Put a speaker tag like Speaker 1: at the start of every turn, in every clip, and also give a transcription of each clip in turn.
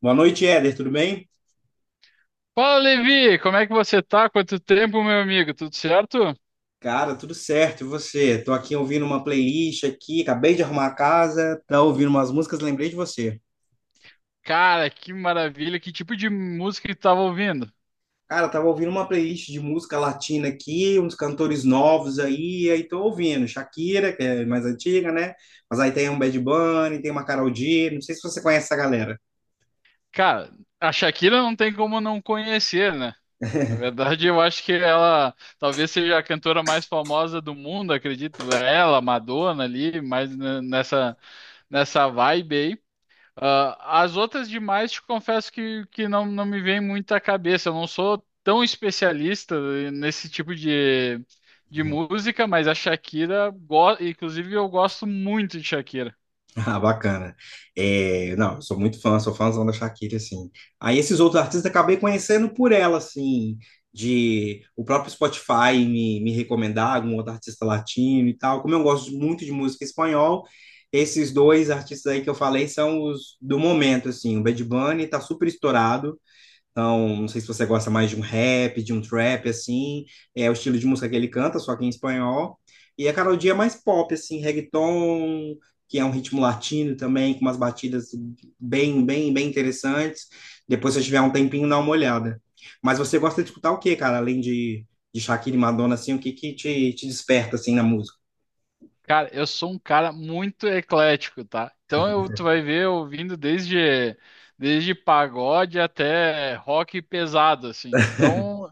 Speaker 1: Boa noite, Éder, tudo bem?
Speaker 2: Fala, Levi! Como é que você tá? Quanto tempo, meu amigo? Tudo certo?
Speaker 1: Cara, tudo certo, e você? Tô aqui ouvindo uma playlist aqui, acabei de arrumar a casa, tá ouvindo umas músicas, lembrei de você.
Speaker 2: Cara, que maravilha! Que tipo de música que tu tava ouvindo?
Speaker 1: Cara, tava ouvindo uma playlist de música latina aqui, uns cantores novos aí, aí tô ouvindo Shakira, que é mais antiga, né? Mas aí tem um Bad Bunny, tem uma Karol G, não sei se você conhece essa galera.
Speaker 2: Cara, a Shakira não tem como não conhecer, né? Na verdade, eu acho que ela talvez seja a cantora mais famosa do mundo, acredito. Ela, Madonna ali, mais nessa vibe aí. Ah, as outras demais, te confesso que não, não me vem muito à cabeça. Eu não sou tão especialista nesse tipo de música, mas a Shakira, inclusive eu gosto muito de Shakira.
Speaker 1: Ah, bacana. É, não, eu sou muito fã, sou fãzão da Shakira, assim. Aí esses outros artistas acabei conhecendo por ela, assim, de o próprio Spotify me recomendar algum outro artista latino e tal. Como eu gosto muito de música espanhol, esses dois artistas aí que eu falei são os do momento, assim. O Bad Bunny tá super estourado, então, não sei se você gosta mais de um rap, de um trap, assim. É o estilo de música que ele canta, só que em espanhol. E a Karol G é mais pop, assim, reggaeton, que é um ritmo latino também, com umas batidas bem, bem, bem interessantes. Depois, se você tiver um tempinho, dá uma olhada. Mas você gosta de escutar o quê, cara? Além de Shakira e Madonna, assim, o que que te desperta, assim, na música?
Speaker 2: Cara, eu sou um cara muito eclético, tá? Tu vai ver eu ouvindo desde pagode até rock pesado, assim. Então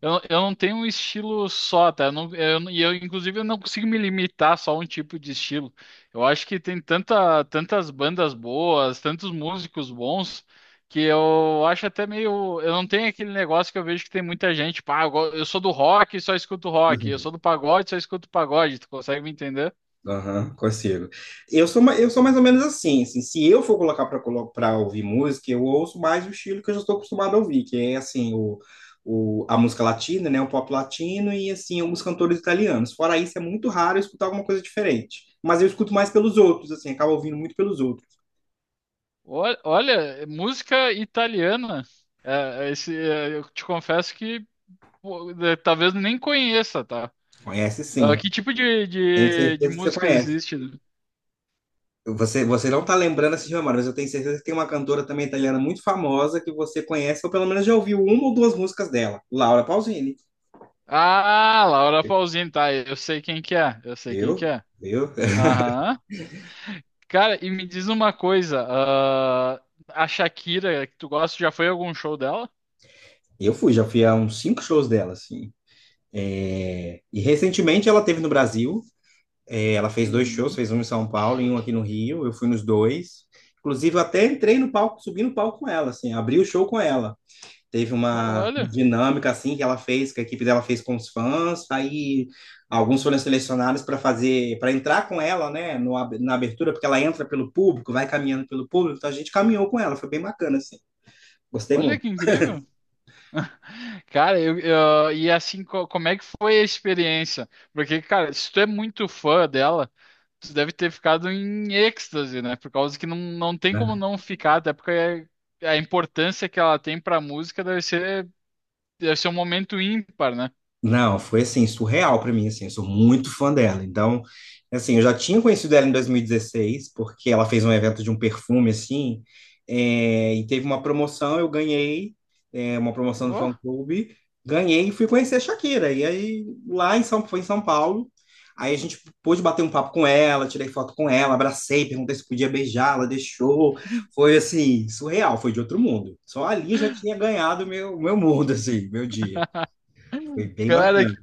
Speaker 2: eu não tenho um estilo só, tá? Eu, não- e eu, Inclusive, eu não consigo me limitar só a um tipo de estilo. Eu acho que tem tantas bandas boas, tantos músicos bons, que eu acho até meio. Eu não tenho aquele negócio que eu vejo que tem muita gente, pá, eu sou do rock e só escuto rock, eu
Speaker 1: Uhum.
Speaker 2: sou do pagode e só escuto pagode. Tu consegue me entender?
Speaker 1: Aham, consigo. Eu sou mais ou menos assim, se eu for colocar para ouvir música, eu ouço mais o estilo que eu já estou acostumado a ouvir, que é assim, a música latina, né, o pop latino e assim, alguns cantores italianos. Fora isso, é muito raro eu escutar alguma coisa diferente. Mas eu escuto mais pelos outros, assim, acabo ouvindo muito pelos outros.
Speaker 2: Olha, é música italiana. Eu te confesso que talvez nem conheça, tá?
Speaker 1: Conhece
Speaker 2: Ah,
Speaker 1: sim,
Speaker 2: que tipo
Speaker 1: tenho
Speaker 2: de
Speaker 1: certeza que você
Speaker 2: música
Speaker 1: conhece.
Speaker 2: existe?
Speaker 1: Você não está lembrando essa de memória, mas eu tenho certeza que tem uma cantora também italiana muito famosa que você conhece, ou pelo menos já ouviu uma ou duas músicas dela, Laura Pausini.
Speaker 2: Ah, Laura Pausini, tá? Eu sei quem que é. Eu sei quem que
Speaker 1: Viu?
Speaker 2: é.
Speaker 1: Viu?
Speaker 2: Aham. Cara, e me diz uma coisa. ah, a Shakira, que tu gosta, já foi a algum show dela?
Speaker 1: Já fui a uns cinco shows dela, assim. E recentemente ela teve no Brasil, ela fez dois shows,
Speaker 2: Uhum.
Speaker 1: fez um em São Paulo e um aqui no Rio, eu fui nos dois. Inclusive, eu até entrei no palco, subi no palco com ela, assim, abri o show com ela. Teve uma
Speaker 2: Olha,
Speaker 1: dinâmica assim que ela fez, que a equipe dela fez com os fãs, aí alguns foram selecionados para entrar com ela, né, no, ab- na abertura, porque ela entra pelo público, vai caminhando pelo público, então a gente caminhou com ela, foi bem bacana assim. Gostei
Speaker 2: olha
Speaker 1: muito,
Speaker 2: que incrível. Cara, e assim, como é que foi a experiência? Porque, cara, se tu é muito fã dela, tu deve ter ficado em êxtase, né? Por causa que não, não tem como
Speaker 1: né?
Speaker 2: não ficar, até porque é, a importância que ela tem pra música deve ser um momento ímpar, né?
Speaker 1: Não, foi assim, surreal pra mim, assim, eu sou muito fã dela. Então, assim, eu já tinha conhecido ela em 2016, porque ela fez um evento de um perfume, assim, e teve uma promoção, eu ganhei, uma promoção do
Speaker 2: Ó.
Speaker 1: fã-clube, ganhei e fui conhecer a Shakira. E aí, foi em São Paulo, aí a gente pôde bater um papo com ela, tirei foto com ela, abracei, perguntei se podia beijar, ela deixou. Foi, assim, surreal, foi de outro mundo. Só ali eu já tinha ganhado meu mundo, assim, meu dia. Foi bem
Speaker 2: Cara,
Speaker 1: bacana.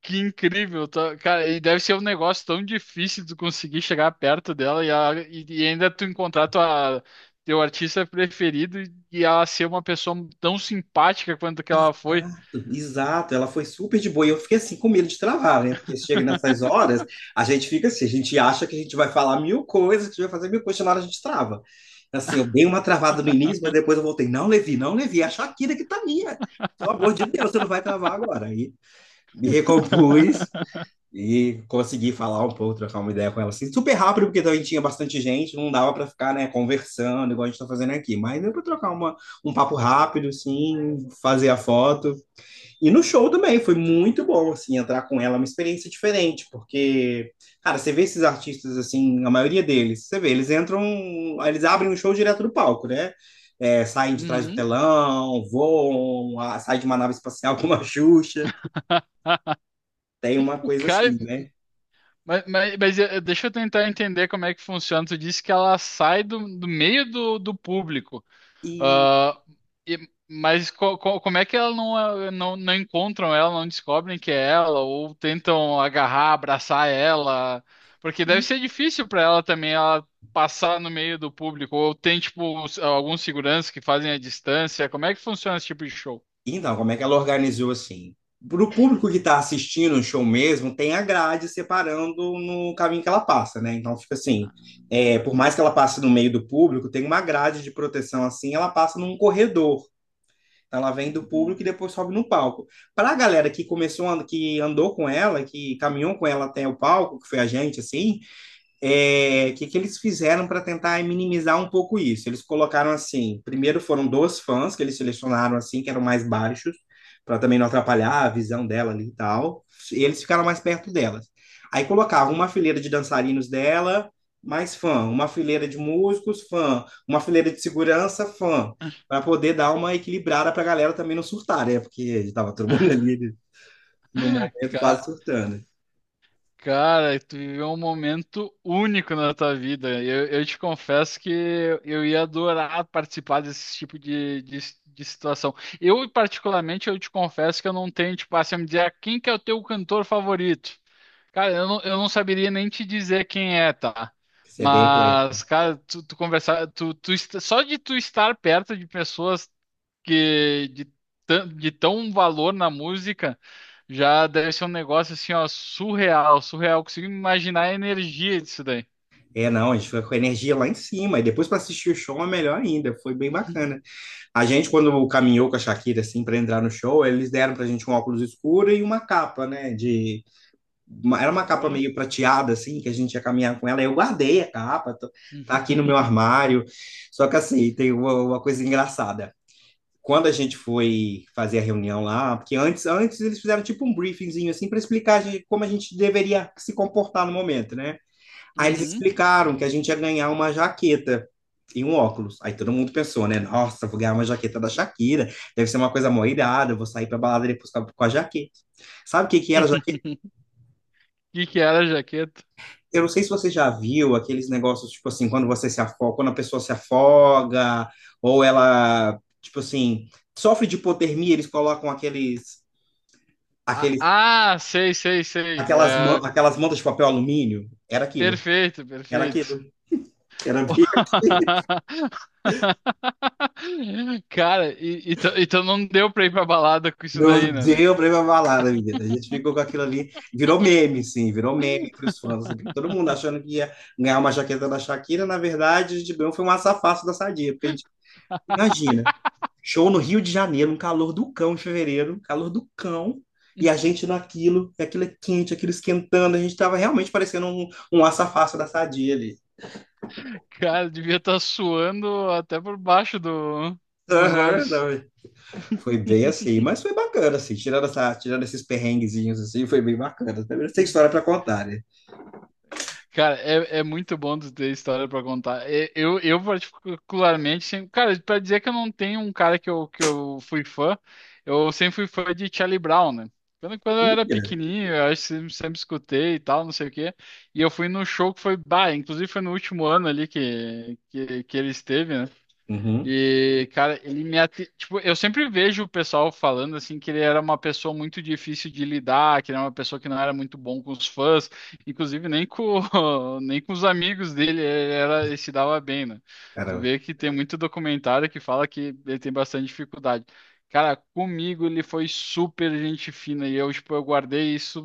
Speaker 2: que incrível, tá? Cara, e deve ser um negócio tão difícil de conseguir chegar perto dela e ainda tu encontrar teu artista preferido e ela ser uma pessoa tão simpática quanto que ela foi.
Speaker 1: Exato, exato. Ela foi super de boa. E eu fiquei assim com medo de travar, né? Porque chega nessas horas, a gente fica assim, a gente acha que a gente vai falar mil coisas, que a gente vai fazer mil coisas, na hora a gente trava. Assim, eu dei uma travada no início, mas depois eu voltei. Não, Levi, não, Levi, é a Shakira que tá minha. Pelo amor de Deus, você não vai travar agora. Aí me recompus e consegui falar um pouco, trocar uma ideia com ela assim, super rápido, porque também tinha bastante gente, não dava para ficar, né, conversando, igual a gente tá fazendo aqui. Mas deu para trocar um papo rápido, assim, fazer a foto. E no show também, foi muito bom, assim, entrar com ela, é uma experiência diferente, porque, cara, você vê esses artistas, assim, a maioria deles, você vê, eles entram, eles abrem um show direto do palco, né? Saem de trás do
Speaker 2: Uhum.
Speaker 1: telão, voam, saem de uma nave espacial como a Xuxa, tem uma coisa
Speaker 2: Cara,
Speaker 1: assim, né?
Speaker 2: deixa eu tentar entender como é que funciona. Tu disse que ela sai do, do meio do, do público.
Speaker 1: E,
Speaker 2: Ah, e- mas como é que ela não, não, não encontram ela, não descobrem que é ela, ou tentam agarrar, abraçar ela? Porque deve
Speaker 1: e
Speaker 2: ser difícil para ela também ela passar no meio do público, ou tem tipo alguns seguranças que fazem a distância. Como é que funciona esse tipo de show?
Speaker 1: Então, como é que ela organizou assim? Para o público que está assistindo o show mesmo, tem a grade separando no caminho que ela passa, né? Então fica assim,
Speaker 2: Ah,
Speaker 1: por mais que ela passe no meio do público, tem uma grade de proteção assim, ela passa num corredor. Então, ela vem do público e
Speaker 2: uhum.
Speaker 1: depois sobe no palco. Para a galera que começou, que andou com ela, que caminhou com ela até o palco, que foi a gente, assim, que eles fizeram para tentar minimizar um pouco isso? Eles colocaram assim: primeiro foram dois fãs que eles selecionaram assim, que eram mais baixos, para também não atrapalhar a visão dela ali e tal. E eles ficaram mais perto delas. Aí colocavam uma fileira de dançarinos dela, mais fã, uma fileira de músicos, fã, uma fileira de segurança, fã, para poder dar uma equilibrada para a galera também não surtar, né? Porque estava todo mundo ali no momento quase surtando.
Speaker 2: Cara, tu viveu um momento único na tua vida. Eu te confesso que eu ia adorar participar desse tipo de situação. Eu, particularmente, eu te confesso que eu não tenho, tipo, assim, me dizer "Ah, quem que é o teu cantor favorito. Cara, eu não saberia nem te dizer quem é, tá?
Speaker 1: Isso é bem claro.
Speaker 2: Mas, cara, tu conversar, só de tu estar perto de pessoas que de, de tão valor na música já deve ser um negócio assim, ó, surreal, surreal. Consigo imaginar a energia disso daí.
Speaker 1: É, não, a gente fica com a energia lá em cima. E depois para assistir o show é melhor ainda. Foi bem bacana. A gente, quando caminhou com a Shakira, assim, para entrar no show, eles deram pra gente um óculos escuro e uma capa, né? Era uma capa
Speaker 2: Olha.
Speaker 1: meio prateada, assim, que a gente ia caminhar com ela. Eu guardei a capa, tá aqui no meu armário. Só que, assim, tem uma coisa engraçada. Quando a gente foi fazer a reunião lá, porque antes eles fizeram tipo um briefingzinho, assim, para explicar como a gente deveria se comportar no momento, né? Aí eles
Speaker 2: Uhum.
Speaker 1: explicaram que a gente ia ganhar uma jaqueta e um óculos. Aí todo mundo pensou, né? Nossa, vou ganhar uma jaqueta da Shakira, deve ser uma coisa mó irada, eu vou sair pra balada depois com a jaqueta. Sabe o que que era a jaqueta?
Speaker 2: Que era a jaqueta?
Speaker 1: Eu não sei se você já viu aqueles negócios, tipo assim, quando você se afoga, quando a pessoa se afoga, ou ela, tipo assim, sofre de hipotermia, eles colocam
Speaker 2: Ah,
Speaker 1: aqueles,
Speaker 2: ah, sei, sei, sei.
Speaker 1: aquelas,
Speaker 2: É,
Speaker 1: man- aquelas mantas de papel alumínio. Era aquilo,
Speaker 2: perfeito,
Speaker 1: era
Speaker 2: perfeito.
Speaker 1: aquilo. Era bem
Speaker 2: Cara, então, então não deu pra ir pra balada com isso
Speaker 1: Não
Speaker 2: daí, né?
Speaker 1: deu pra ir pra balada, menina. A gente ficou com aquilo ali, virou meme, sim, virou meme entre os fãs, assim, porque todo mundo achando que ia ganhar uma jaqueta da Shakira, na verdade, a gente ganhou foi um açafácio da Sadia, porque a gente, imagina, show no Rio de Janeiro, um calor do cão em fevereiro, um calor do cão, e a gente naquilo, e aquilo é quente, aquilo esquentando, a gente tava realmente parecendo um açafácio da Sadia ali.
Speaker 2: Cara, devia estar suando até por baixo do, dos
Speaker 1: Aham,
Speaker 2: olhos.
Speaker 1: não, é, foi bem assim, mas foi bacana, assim, tirando esses perrenguezinhos, assim, foi bem bacana. Tem história pra contar, né?
Speaker 2: Cara, é, é muito bom tu ter história pra contar. É, eu particularmente, sempre, cara, pra dizer que eu não tenho um cara que eu fui fã, eu sempre fui fã de Charlie Brown, né? Quando eu
Speaker 1: Ih.
Speaker 2: era pequenininho, eu acho sempre escutei e tal, não sei o quê. E eu fui num show que foi, bah, inclusive foi no último ano ali que ele esteve, né?
Speaker 1: Uhum.
Speaker 2: E, cara, ele me ati... tipo, eu sempre vejo o pessoal falando assim que ele era uma pessoa muito difícil de lidar, que ele era uma pessoa que não era muito bom com os fãs, inclusive nem com nem com os amigos dele, ele era ele se dava bem, né? Tu
Speaker 1: Cara,
Speaker 2: vê que tem muito documentário que fala que ele tem bastante dificuldade. Cara, comigo ele foi super gente fina e eu, tipo, eu guardei isso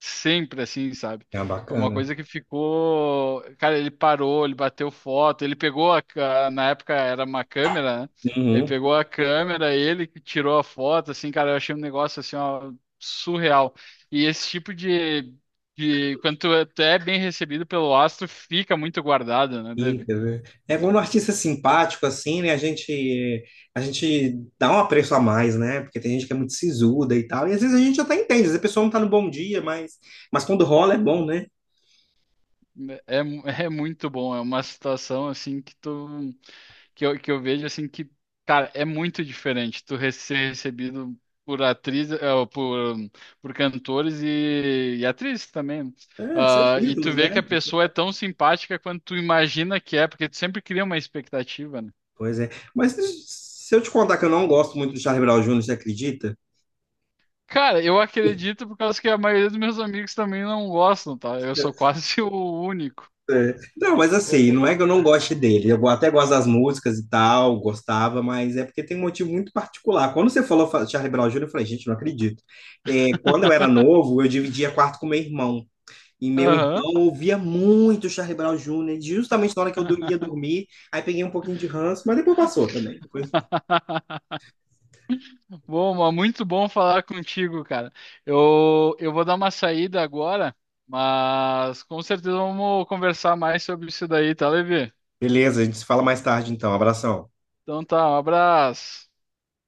Speaker 2: sempre assim, sabe?
Speaker 1: é uma
Speaker 2: É uma
Speaker 1: bacana.
Speaker 2: coisa que ficou. Cara, ele parou, ele bateu foto, ele pegou a. ca- Na época era uma câmera, né? Ele
Speaker 1: Uhum.
Speaker 2: pegou a câmera, ele que tirou a foto, assim, cara, eu achei um negócio assim, ó, surreal. E esse tipo quando tu é bem recebido pelo astro, fica muito guardado, né,
Speaker 1: E,
Speaker 2: David?
Speaker 1: quer ver, é quando o artista é simpático, assim, né? A gente dá um apreço a mais, né? Porque tem gente que é muito sisuda e tal. E às vezes a gente até entende, às vezes a pessoa não tá no bom dia, mas quando rola é bom, né?
Speaker 2: É, é muito bom, é uma situação assim que tu. Que que eu vejo assim que, cara, é muito diferente ser recebido por atriz, por cantores e atrizes também, né?
Speaker 1: É, seus
Speaker 2: Ah, e tu
Speaker 1: títulos,
Speaker 2: vê que
Speaker 1: né?
Speaker 2: a pessoa é tão simpática quanto tu imagina que é, porque tu sempre cria uma expectativa, né?
Speaker 1: Pois é. Mas se eu te contar que eu não gosto muito do Charlie Brown Jr., você acredita?
Speaker 2: Cara, eu acredito por causa que a maioria dos meus amigos também não gostam, tá? Eu sou quase o único.
Speaker 1: É. Não, mas assim,
Speaker 2: É,
Speaker 1: não é que eu não goste dele. Eu até gosto das músicas e tal, gostava, mas é porque tem um motivo muito particular. Quando você falou Charlie Brown Jr., eu falei, gente, não acredito. É, quando eu era novo, eu dividia quarto com meu irmão. E meu
Speaker 2: aham.
Speaker 1: irmão ouvia muito Charlie Brown Jr., justamente na hora que eu ia dormir. Aí peguei um pouquinho de ranço, mas depois passou também.
Speaker 2: Bom, mas muito bom falar contigo, cara. Eu vou dar uma saída agora, mas com certeza vamos conversar mais sobre isso daí, tá, Levi?
Speaker 1: Beleza, a gente se fala mais tarde então. Abração.
Speaker 2: Então tá, um abraço.